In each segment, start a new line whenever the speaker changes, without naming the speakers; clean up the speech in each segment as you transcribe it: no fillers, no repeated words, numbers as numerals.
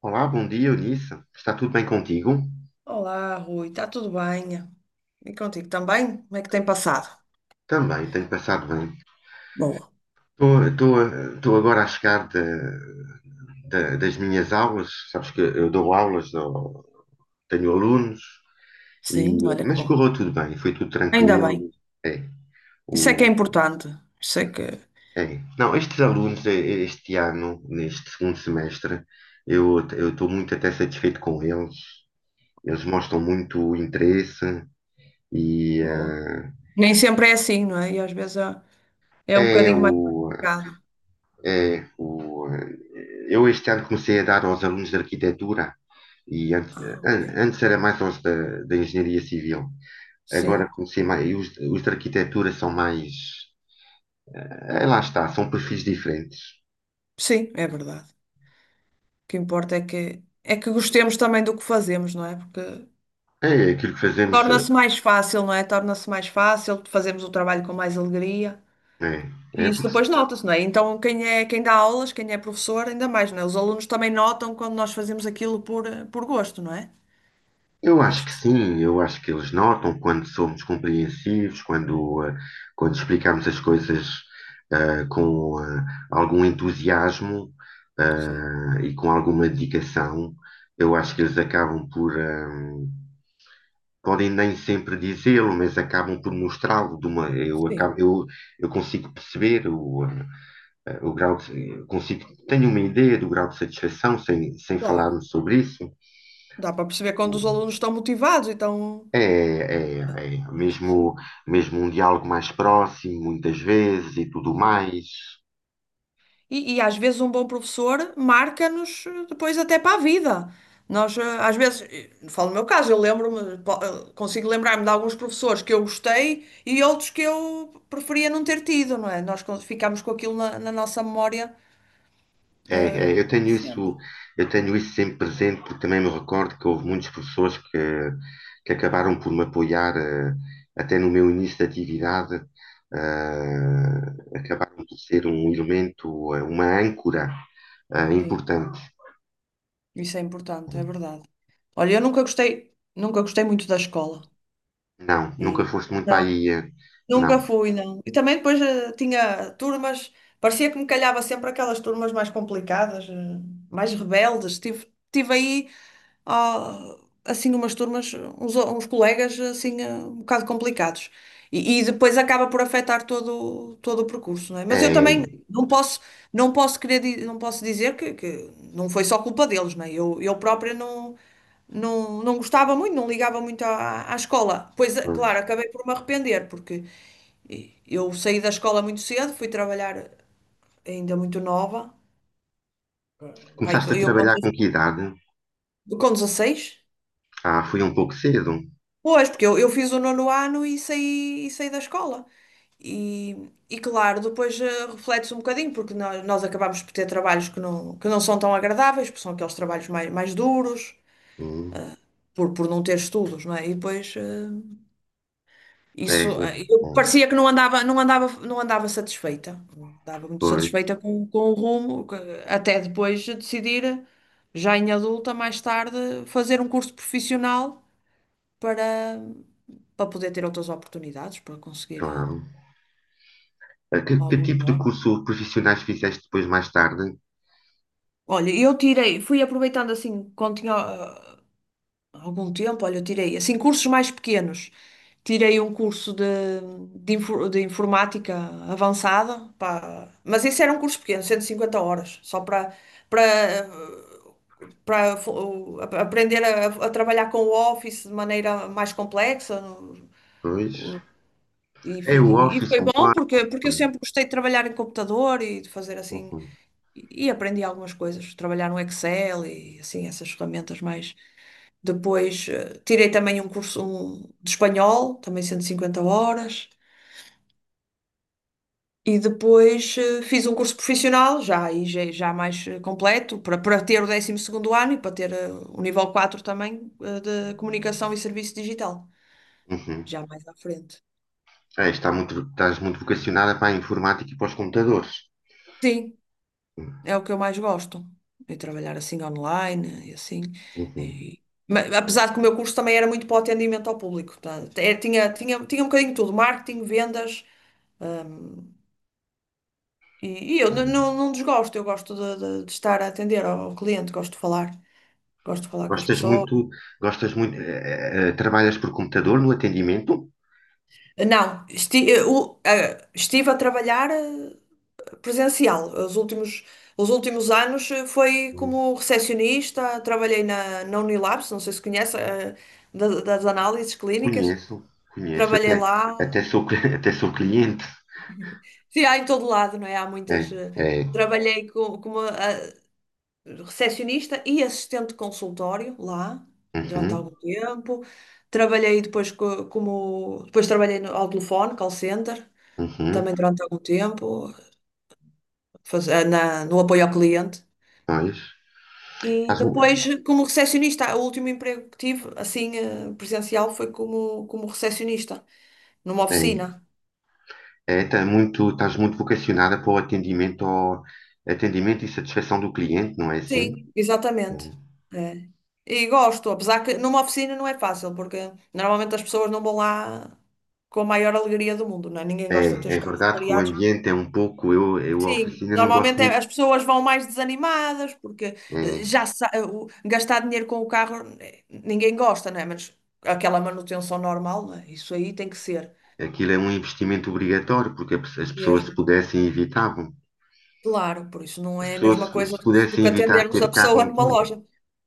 Olá, bom dia, Eunice. Está tudo bem contigo?
Olá, Rui, está tudo bem? E contigo também? Como é que tem passado?
Também, tenho passado bem.
Boa.
Estou agora a chegar das minhas aulas. Sabes que eu dou aulas, tenho alunos, e,
Sim, olha que
mas
bom.
correu tudo bem, foi tudo
Ainda
tranquilo.
bem.
É,
Isso é que é
o,
importante. Isso é que.
é. Não, estes alunos, este ano, neste segundo semestre, eu estou muito até satisfeito com eles. Eles mostram muito interesse e
Boa. Nem sempre é assim, não é? E às vezes é, é um
é
bocadinho mais
o,
complicado.
Eu este ano comecei a dar aos alunos de arquitetura e antes,
Ah, ok.
antes era mais aos da, da engenharia civil. Agora
Sim.
comecei mais, e os de arquitetura são mais, lá está, são perfis diferentes.
Sim, é verdade. O que importa é que gostemos também do que fazemos, não é? Porque
É aquilo que fazemos,
torna-se mais fácil, não é? Torna-se mais fácil, fazemos o trabalho com mais alegria. E
é
isso
porque
depois nota-se, não é? Então, quem é, quem dá aulas, quem é professor, ainda mais, não é? Os alunos também notam quando nós fazemos aquilo por, por gosto, não é?
eu
Eu
acho
acho
que
que sim.
sim, eu acho que eles notam quando somos compreensivos, quando, quando explicamos as coisas eh, com eh, algum entusiasmo
Sim,
e com alguma dedicação. Eu acho que eles acabam podem nem sempre dizê-lo, mas acabam por mostrá-lo de uma, eu, acabo,
Sim,
eu consigo perceber o grau de, eu consigo, tenho uma ideia do grau de satisfação sem, sem
claro.
falarmos sobre isso.
Dá para perceber quando os alunos estão motivados, então.
É, é, é.
Eu acho que
Mesmo,
sim.
mesmo um diálogo mais próximo, muitas vezes e tudo
Sim.
mais.
E às vezes um bom professor marca-nos depois até para a vida. Nós, às vezes, falo no meu caso, eu lembro-me, consigo lembrar-me de alguns professores que eu gostei e outros que eu preferia não ter tido, não é? Ficamos com aquilo na, na nossa memória,
É, é,
eh, sempre.
eu tenho isso sempre presente, porque também me recordo que houve muitos professores que acabaram por me apoiar, até no meu início de atividade, acabaram por ser um elemento, uma âncora,
Sim,
importante.
isso é importante, é verdade. Olha, eu nunca gostei, nunca gostei muito da escola.
Não, nunca
E...
foste muito para
não.
aí,
Nunca
não.
fui, não. E também depois tinha turmas, parecia que me calhava sempre aquelas turmas mais complicadas, mais rebeldes. Tive, tive aí, ah, assim, umas turmas, uns, uns colegas, assim, um bocado complicados. E depois acaba por afetar todo, todo o percurso, não é? Mas eu também
É,
não posso, não posso querer, não posso dizer que não foi só culpa deles, não é? Eu própria não, não, não gostava muito, não ligava muito à, à escola. Pois, é, claro,
pois.
acabei por me arrepender, porque eu saí da escola muito cedo, fui trabalhar ainda muito nova. Pai,
Começaste a trabalhar com que idade?
com 16?
Ah, fui um pouco cedo.
Pois, porque eu fiz o nono ano e saí da escola. E, e claro, depois reflete-se um bocadinho, porque nós acabamos por ter trabalhos que não são tão agradáveis, porque são aqueles trabalhos mais, mais duros,
Hum,
por não ter estudos, não é? E depois.
é,
Isso,
é,
eu
é,
parecia que não andava, não andava, não andava satisfeita. Não andava muito
pois,
satisfeita com o rumo, que- até depois de decidir, já em adulta, mais tarde, fazer um curso profissional para, para poder ter outras oportunidades, para conseguir
claro. Que que,
algo
tipo de
melhor.
curso profissionais fizeste depois mais tarde?
Olha, eu tirei, fui aproveitando assim, quando tinha há algum tempo, olha, eu tirei assim cursos mais pequenos. Tirei um curso de, de informática avançada, pá, mas esse era um curso pequeno, 150 horas, só para para para aprender a trabalhar com o Office de maneira mais complexa.
Pois.
O- E,
É o
e
Office,
foi
o
bom
Word.
porque, porque eu sempre gostei de trabalhar em computador e de fazer assim,
Uhum,
e aprendi algumas coisas, trabalhar no Excel e assim, essas ferramentas mais. Depois tirei também um curso um, de espanhol, também 150 horas. E depois fiz um curso profissional, já, aí já, já mais completo, para, para ter o décimo segundo ano e para ter o nível 4 também de comunicação e serviço digital,
uhum.
já mais à frente.
É, está muito, estás muito vocacionada para a informática e para os computadores.
Sim, é o que eu mais gosto, é trabalhar assim online e assim.
Uhum,
E- mas, apesar de que o meu curso também era muito para o atendimento ao público, tá? É, tinha, tinha, tinha um bocadinho de tudo, marketing, vendas, hum, E, e eu
uhum.
não, não desgosto, eu gosto de, de estar a atender ao ao cliente, gosto de falar com as
Gostas
pessoas.
muito, gostas muito, trabalhas por computador no atendimento?
Ah, não, estive a trabalhar presencial. Os últimos anos foi
Hum,
como recepcionista, trabalhei na, na Unilabs, não sei se conhece, das análises clínicas.
Conheço, conheço,
Trabalhei
até,
lá,
até sou cliente.
sim, há em todo lado, não é? Há
É,
muitas.
é,
Trabalhei com uma, recepcionista e assistente de consultório lá durante
uhum,
algum tempo. Trabalhei depois como depois trabalhei no, ao telefone, call center,
uhum,
também durante algum tempo, na, no apoio ao cliente.
pois.
E
Estás,
depois,
mu-
como recepcionista, o último emprego que tive, assim, presencial, foi como, como recepcionista, numa
é,
oficina.
é, estás muito vocacionada para o atendimento, ao, atendimento e satisfação do cliente, não é assim?
Sim, exatamente. É. E gosto, apesar que numa oficina não é fácil, porque normalmente as pessoas não vão lá com a maior alegria do mundo, não é? Ninguém
É,
gosta de ter
é
os
é
carros
verdade que o
avariados.
ambiente é um pouco, eu a
Sim,
oficina não gosto
normalmente
muito.
as pessoas vão mais desanimadas, porque
É,
eh, já sa- eh, o- gastar dinheiro com o carro ninguém gosta, não é? Mas aquela manutenção normal, não é? Isso aí tem que ser
aquilo é um investimento obrigatório, porque as pessoas se
mesmo.
pudessem evitavam.
Claro, por isso não
As
é a
pessoas
mesma
se
coisa
se
do
pudessem
que
evitar
atendermos a
ter carro
pessoa
não
numa
tinham,
loja.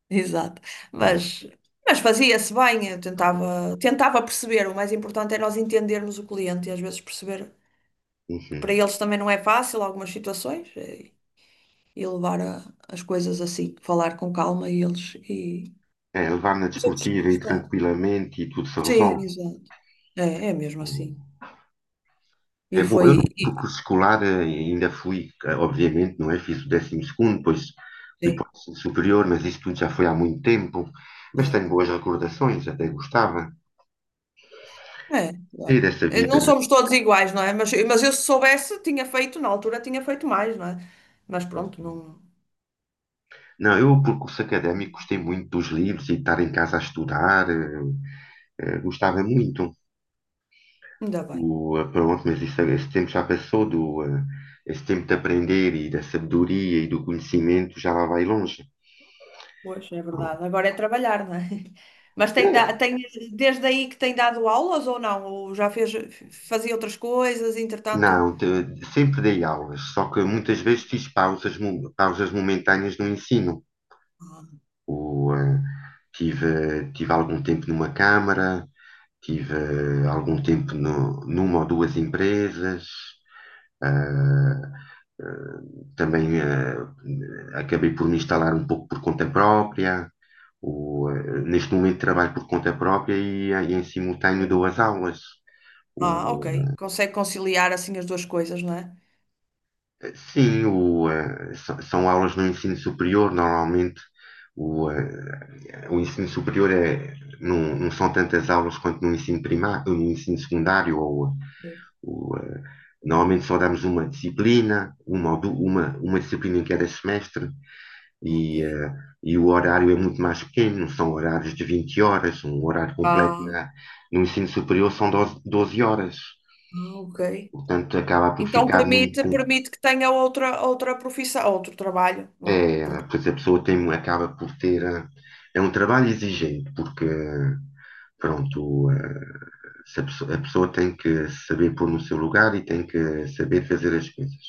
Exato.
não é?
Mas, mas fazia-se bem, eu tentava, tentava perceber. O mais importante é nós entendermos o cliente e às vezes perceber que para
Enfim,
eles também não é fácil algumas situações e levar as coisas assim, falar com calma e eles e
é, levar na
os outros e
desportiva e
gostar.
tranquilamente e tudo se
Sim,
resolve.
exato. É, é mesmo assim. E
É, bom,
foi.
eu no
E,
curso escolar ainda fui, obviamente, não é? Fiz o décimo segundo, depois fui para
sim,
o ensino superior, mas isso tudo já foi há muito tempo. Mas tenho
claro.
boas recordações, até gostava.
É,
E
claro.
dessa vida.
Não somos todos iguais, não é? Mas eu se soubesse, tinha feito, na altura tinha feito mais, não é? Mas pronto, não,
Não, eu, por curso académico, gostei muito dos livros e de estar em casa a estudar, gostava muito.
ainda bem.
Pronto, mas isso, esse tempo já passou, esse tempo de aprender e da sabedoria e do conhecimento já lá vai longe.
Pois, é
Pronto.
verdade. Agora é trabalhar, não é? Mas tem,
É,
tem desde aí que tem dado aulas ou não? Ou já fez, fazia outras coisas, entretanto.
não, sempre dei aulas, só que muitas vezes fiz pausas, pausas momentâneas no ensino.
Ah,
O, eh, tive, tive algum tempo numa câmara, tive algum tempo numa ou duas empresas. eh, também eh, acabei por me instalar um pouco por conta própria. Neste momento trabalho por conta própria e em simultâneo dou
boa.
as aulas.
Ah, ok. Consegue conciliar assim as duas coisas, não é?
Sim, são, são aulas no ensino superior, normalmente o ensino superior é, não, não são tantas aulas quanto no ensino primário, no ensino secundário, ou,
Sim.
o, eh, normalmente só damos uma disciplina, uma disciplina em cada semestre,
Ok.
e, eh, e o horário é muito mais pequeno, não são horários de 20 horas, um horário completo
Ah,
na, no ensino superior são 12 horas,
ah, ok.
portanto acaba por
Então
ficar
permite,
muito.
permite que tenha outra, outra profissão, outro trabalho.
É,
Porque...
pois a pessoa tem, acaba por ter. É um trabalho exigente, porque, pronto, eh, se a pessoa, a pessoa tem que saber pôr no seu lugar e tem que saber fazer as coisas.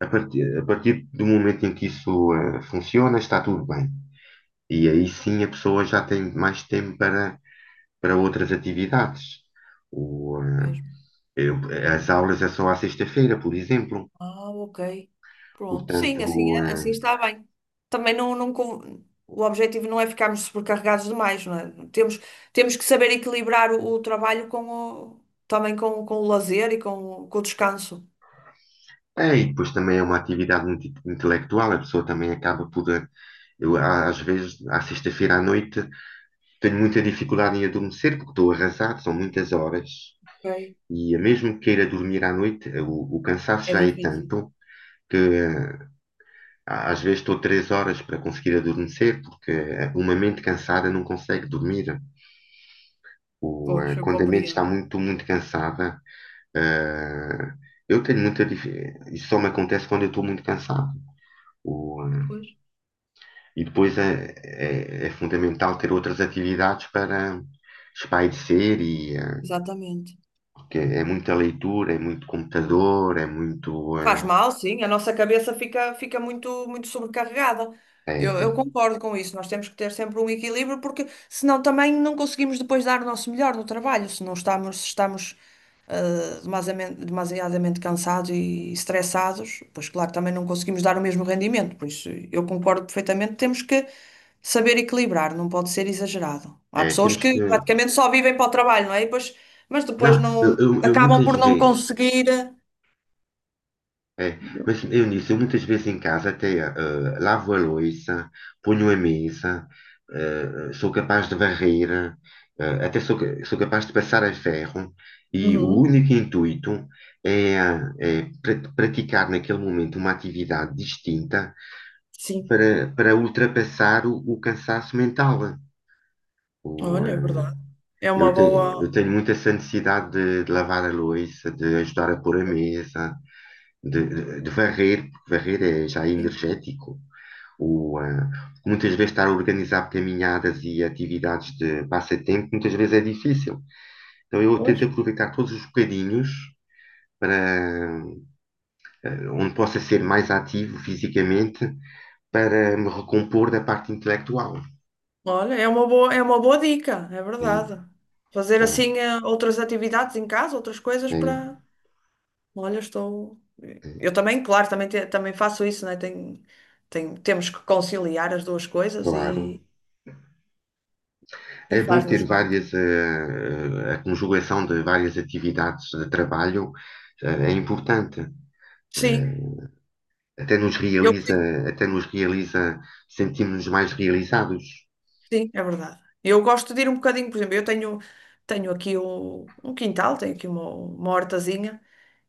A partir do momento em que funciona, está tudo bem. E aí sim a pessoa já tem mais tempo para, para outras atividades. O, eh, eu- as aulas é só à sexta-feira, por exemplo.
Ah, ok. Pronto. Sim,
Portanto,
assim, assim está bem. Também não, não, o objetivo não é ficarmos sobrecarregados demais, não é? Temos, temos que saber equilibrar o trabalho com o, também com o lazer e com, com o descanso.
é, e depois também é uma atividade muito intelectual, a pessoa também acaba por. Eu, às vezes, à sexta-feira à noite, tenho muita dificuldade em adormecer porque estou arrasado, são muitas horas.
Ok.
E mesmo que queira dormir à noite, o cansaço
É
já é
difícil.
tanto que às vezes estou três horas para conseguir adormecer porque uma mente cansada não consegue dormir.
Pois, eu
Quando a mente está
compreendo.
muito, muito cansada, eh, eu tenho muita dificuldade. Isso só me acontece quando eu estou muito cansado. O,
Pois,
e depois é, é, é fundamental ter outras atividades para espairecer e
exatamente.
porque é muita leitura, é muito computador, é muito
Faz mal, sim, a nossa cabeça fica, fica muito, muito sobrecarregada.
é,
Eu
é,
concordo com isso, nós temos que ter sempre um equilíbrio, porque senão também não conseguimos depois dar o nosso melhor no trabalho, se não estamos, se estamos demasiadamente, demasiadamente cansados e estressados, pois claro, também não conseguimos dar o mesmo rendimento, por isso eu concordo perfeitamente, temos que saber equilibrar, não pode ser exagerado. Há
é,
pessoas
temos que
que praticamente só vivem para o trabalho, não é? E depois, mas depois
não,
não
eu
acabam
muitas
por não
vezes
conseguir.
é, mas Eunice, eu muitas vezes em casa até lavo a louça, ponho a mesa, sou capaz de varrer, sou capaz de passar a ferro e o
Uhum.
único intuito é, praticar naquele momento uma atividade distinta
Sim,
para, para ultrapassar o cansaço mental. O,
olha, é
eh,
verdade. É uma
eu
boa.
tenho muito essa necessidade de lavar a louça, de ajudar a pôr a mesa, varrer, porque varrer é já é
Sim,
energético. O, ah, muitas vezes estar a organizar caminhadas e atividades de passatempo, muitas vezes é difícil. Então eu
pois.
tento aproveitar todos os bocadinhos para ah, onde possa ser mais ativo fisicamente para me recompor da parte intelectual.
Olha, é uma boa dica, é
É,
verdade. Fazer
é,
assim outras atividades em casa, outras coisas
é,
para. Olha, estou. Eu
é,
também, claro, também, também faço isso, né? Tem, tem, temos que conciliar as duas coisas
claro.
e
É bom ter
faz-nos bem.
várias, a conjugação de várias atividades de trabalho, é importante.
Sim,
Eh, até nos
eu,
realiza, até nos realiza, sentimos-nos mais realizados.
sim, é verdade. Eu gosto de ir um bocadinho, por exemplo, eu tenho, tenho aqui o, um quintal, tenho aqui uma hortazinha.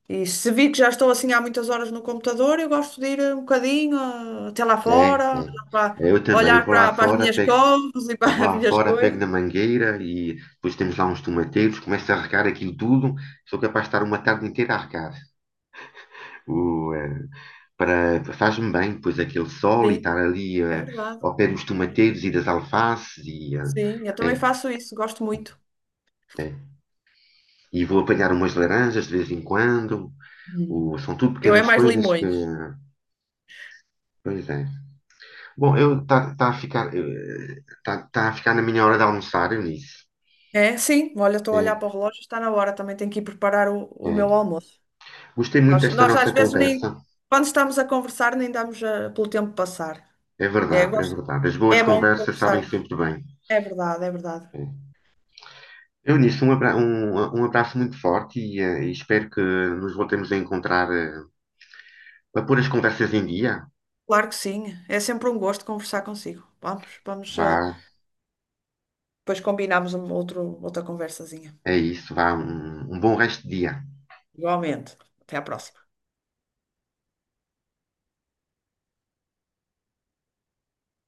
E se vi que já estou assim há muitas horas no computador, eu gosto de ir um bocadinho até lá
É, é.
fora, olhar para,
É, eu também, eu
olhar
vou lá
para, para as
fora,
minhas
pego,
coisas e
eu vou
para as
lá
minhas
fora, pego
coisas.
na mangueira e depois temos lá uns tomateiros, começo a regar aquilo tudo, sou capaz de estar uma tarde inteira a regar. O, eh, para, faz-me bem, pois aquele sol e
Sim,
estar ali
é verdade.
ao pé dos
É verdade.
tomateiros e das alfaces
Sim, eu também
eh,
faço isso, gosto muito.
eh, e vou apanhar umas laranjas de vez em quando.
Hum.
O, são tudo
Eu é
pequenas
mais
coisas que.
limões.
Pois é. Bom, eu tá, tá a ficar, eh, tá, tá a ficar na minha hora de almoçar, Eunice.
É, sim, olha, estou a
É,
olhar para o relógio, está na hora, também tenho que ir preparar o
é.
meu almoço.
Gostei muito
Nós,
desta
nós às
nossa
vezes
conversa.
nem, quando estamos a conversar, nem damos pelo tempo passar.
É
É,
verdade, é verdade. As boas
é bom
conversas sabem
conversarmos.
sempre bem.
É verdade, é verdade.
É. Eunice, um abraço muito forte e espero que nos voltemos a encontrar, para pôr as conversas em dia.
Claro que sim. É sempre um gosto conversar consigo. Vamos, vamos,
Vá,
depois combinamos um outro, outra conversazinha.
é isso, vá, um um bom resto de dia.
Igualmente. Até à próxima.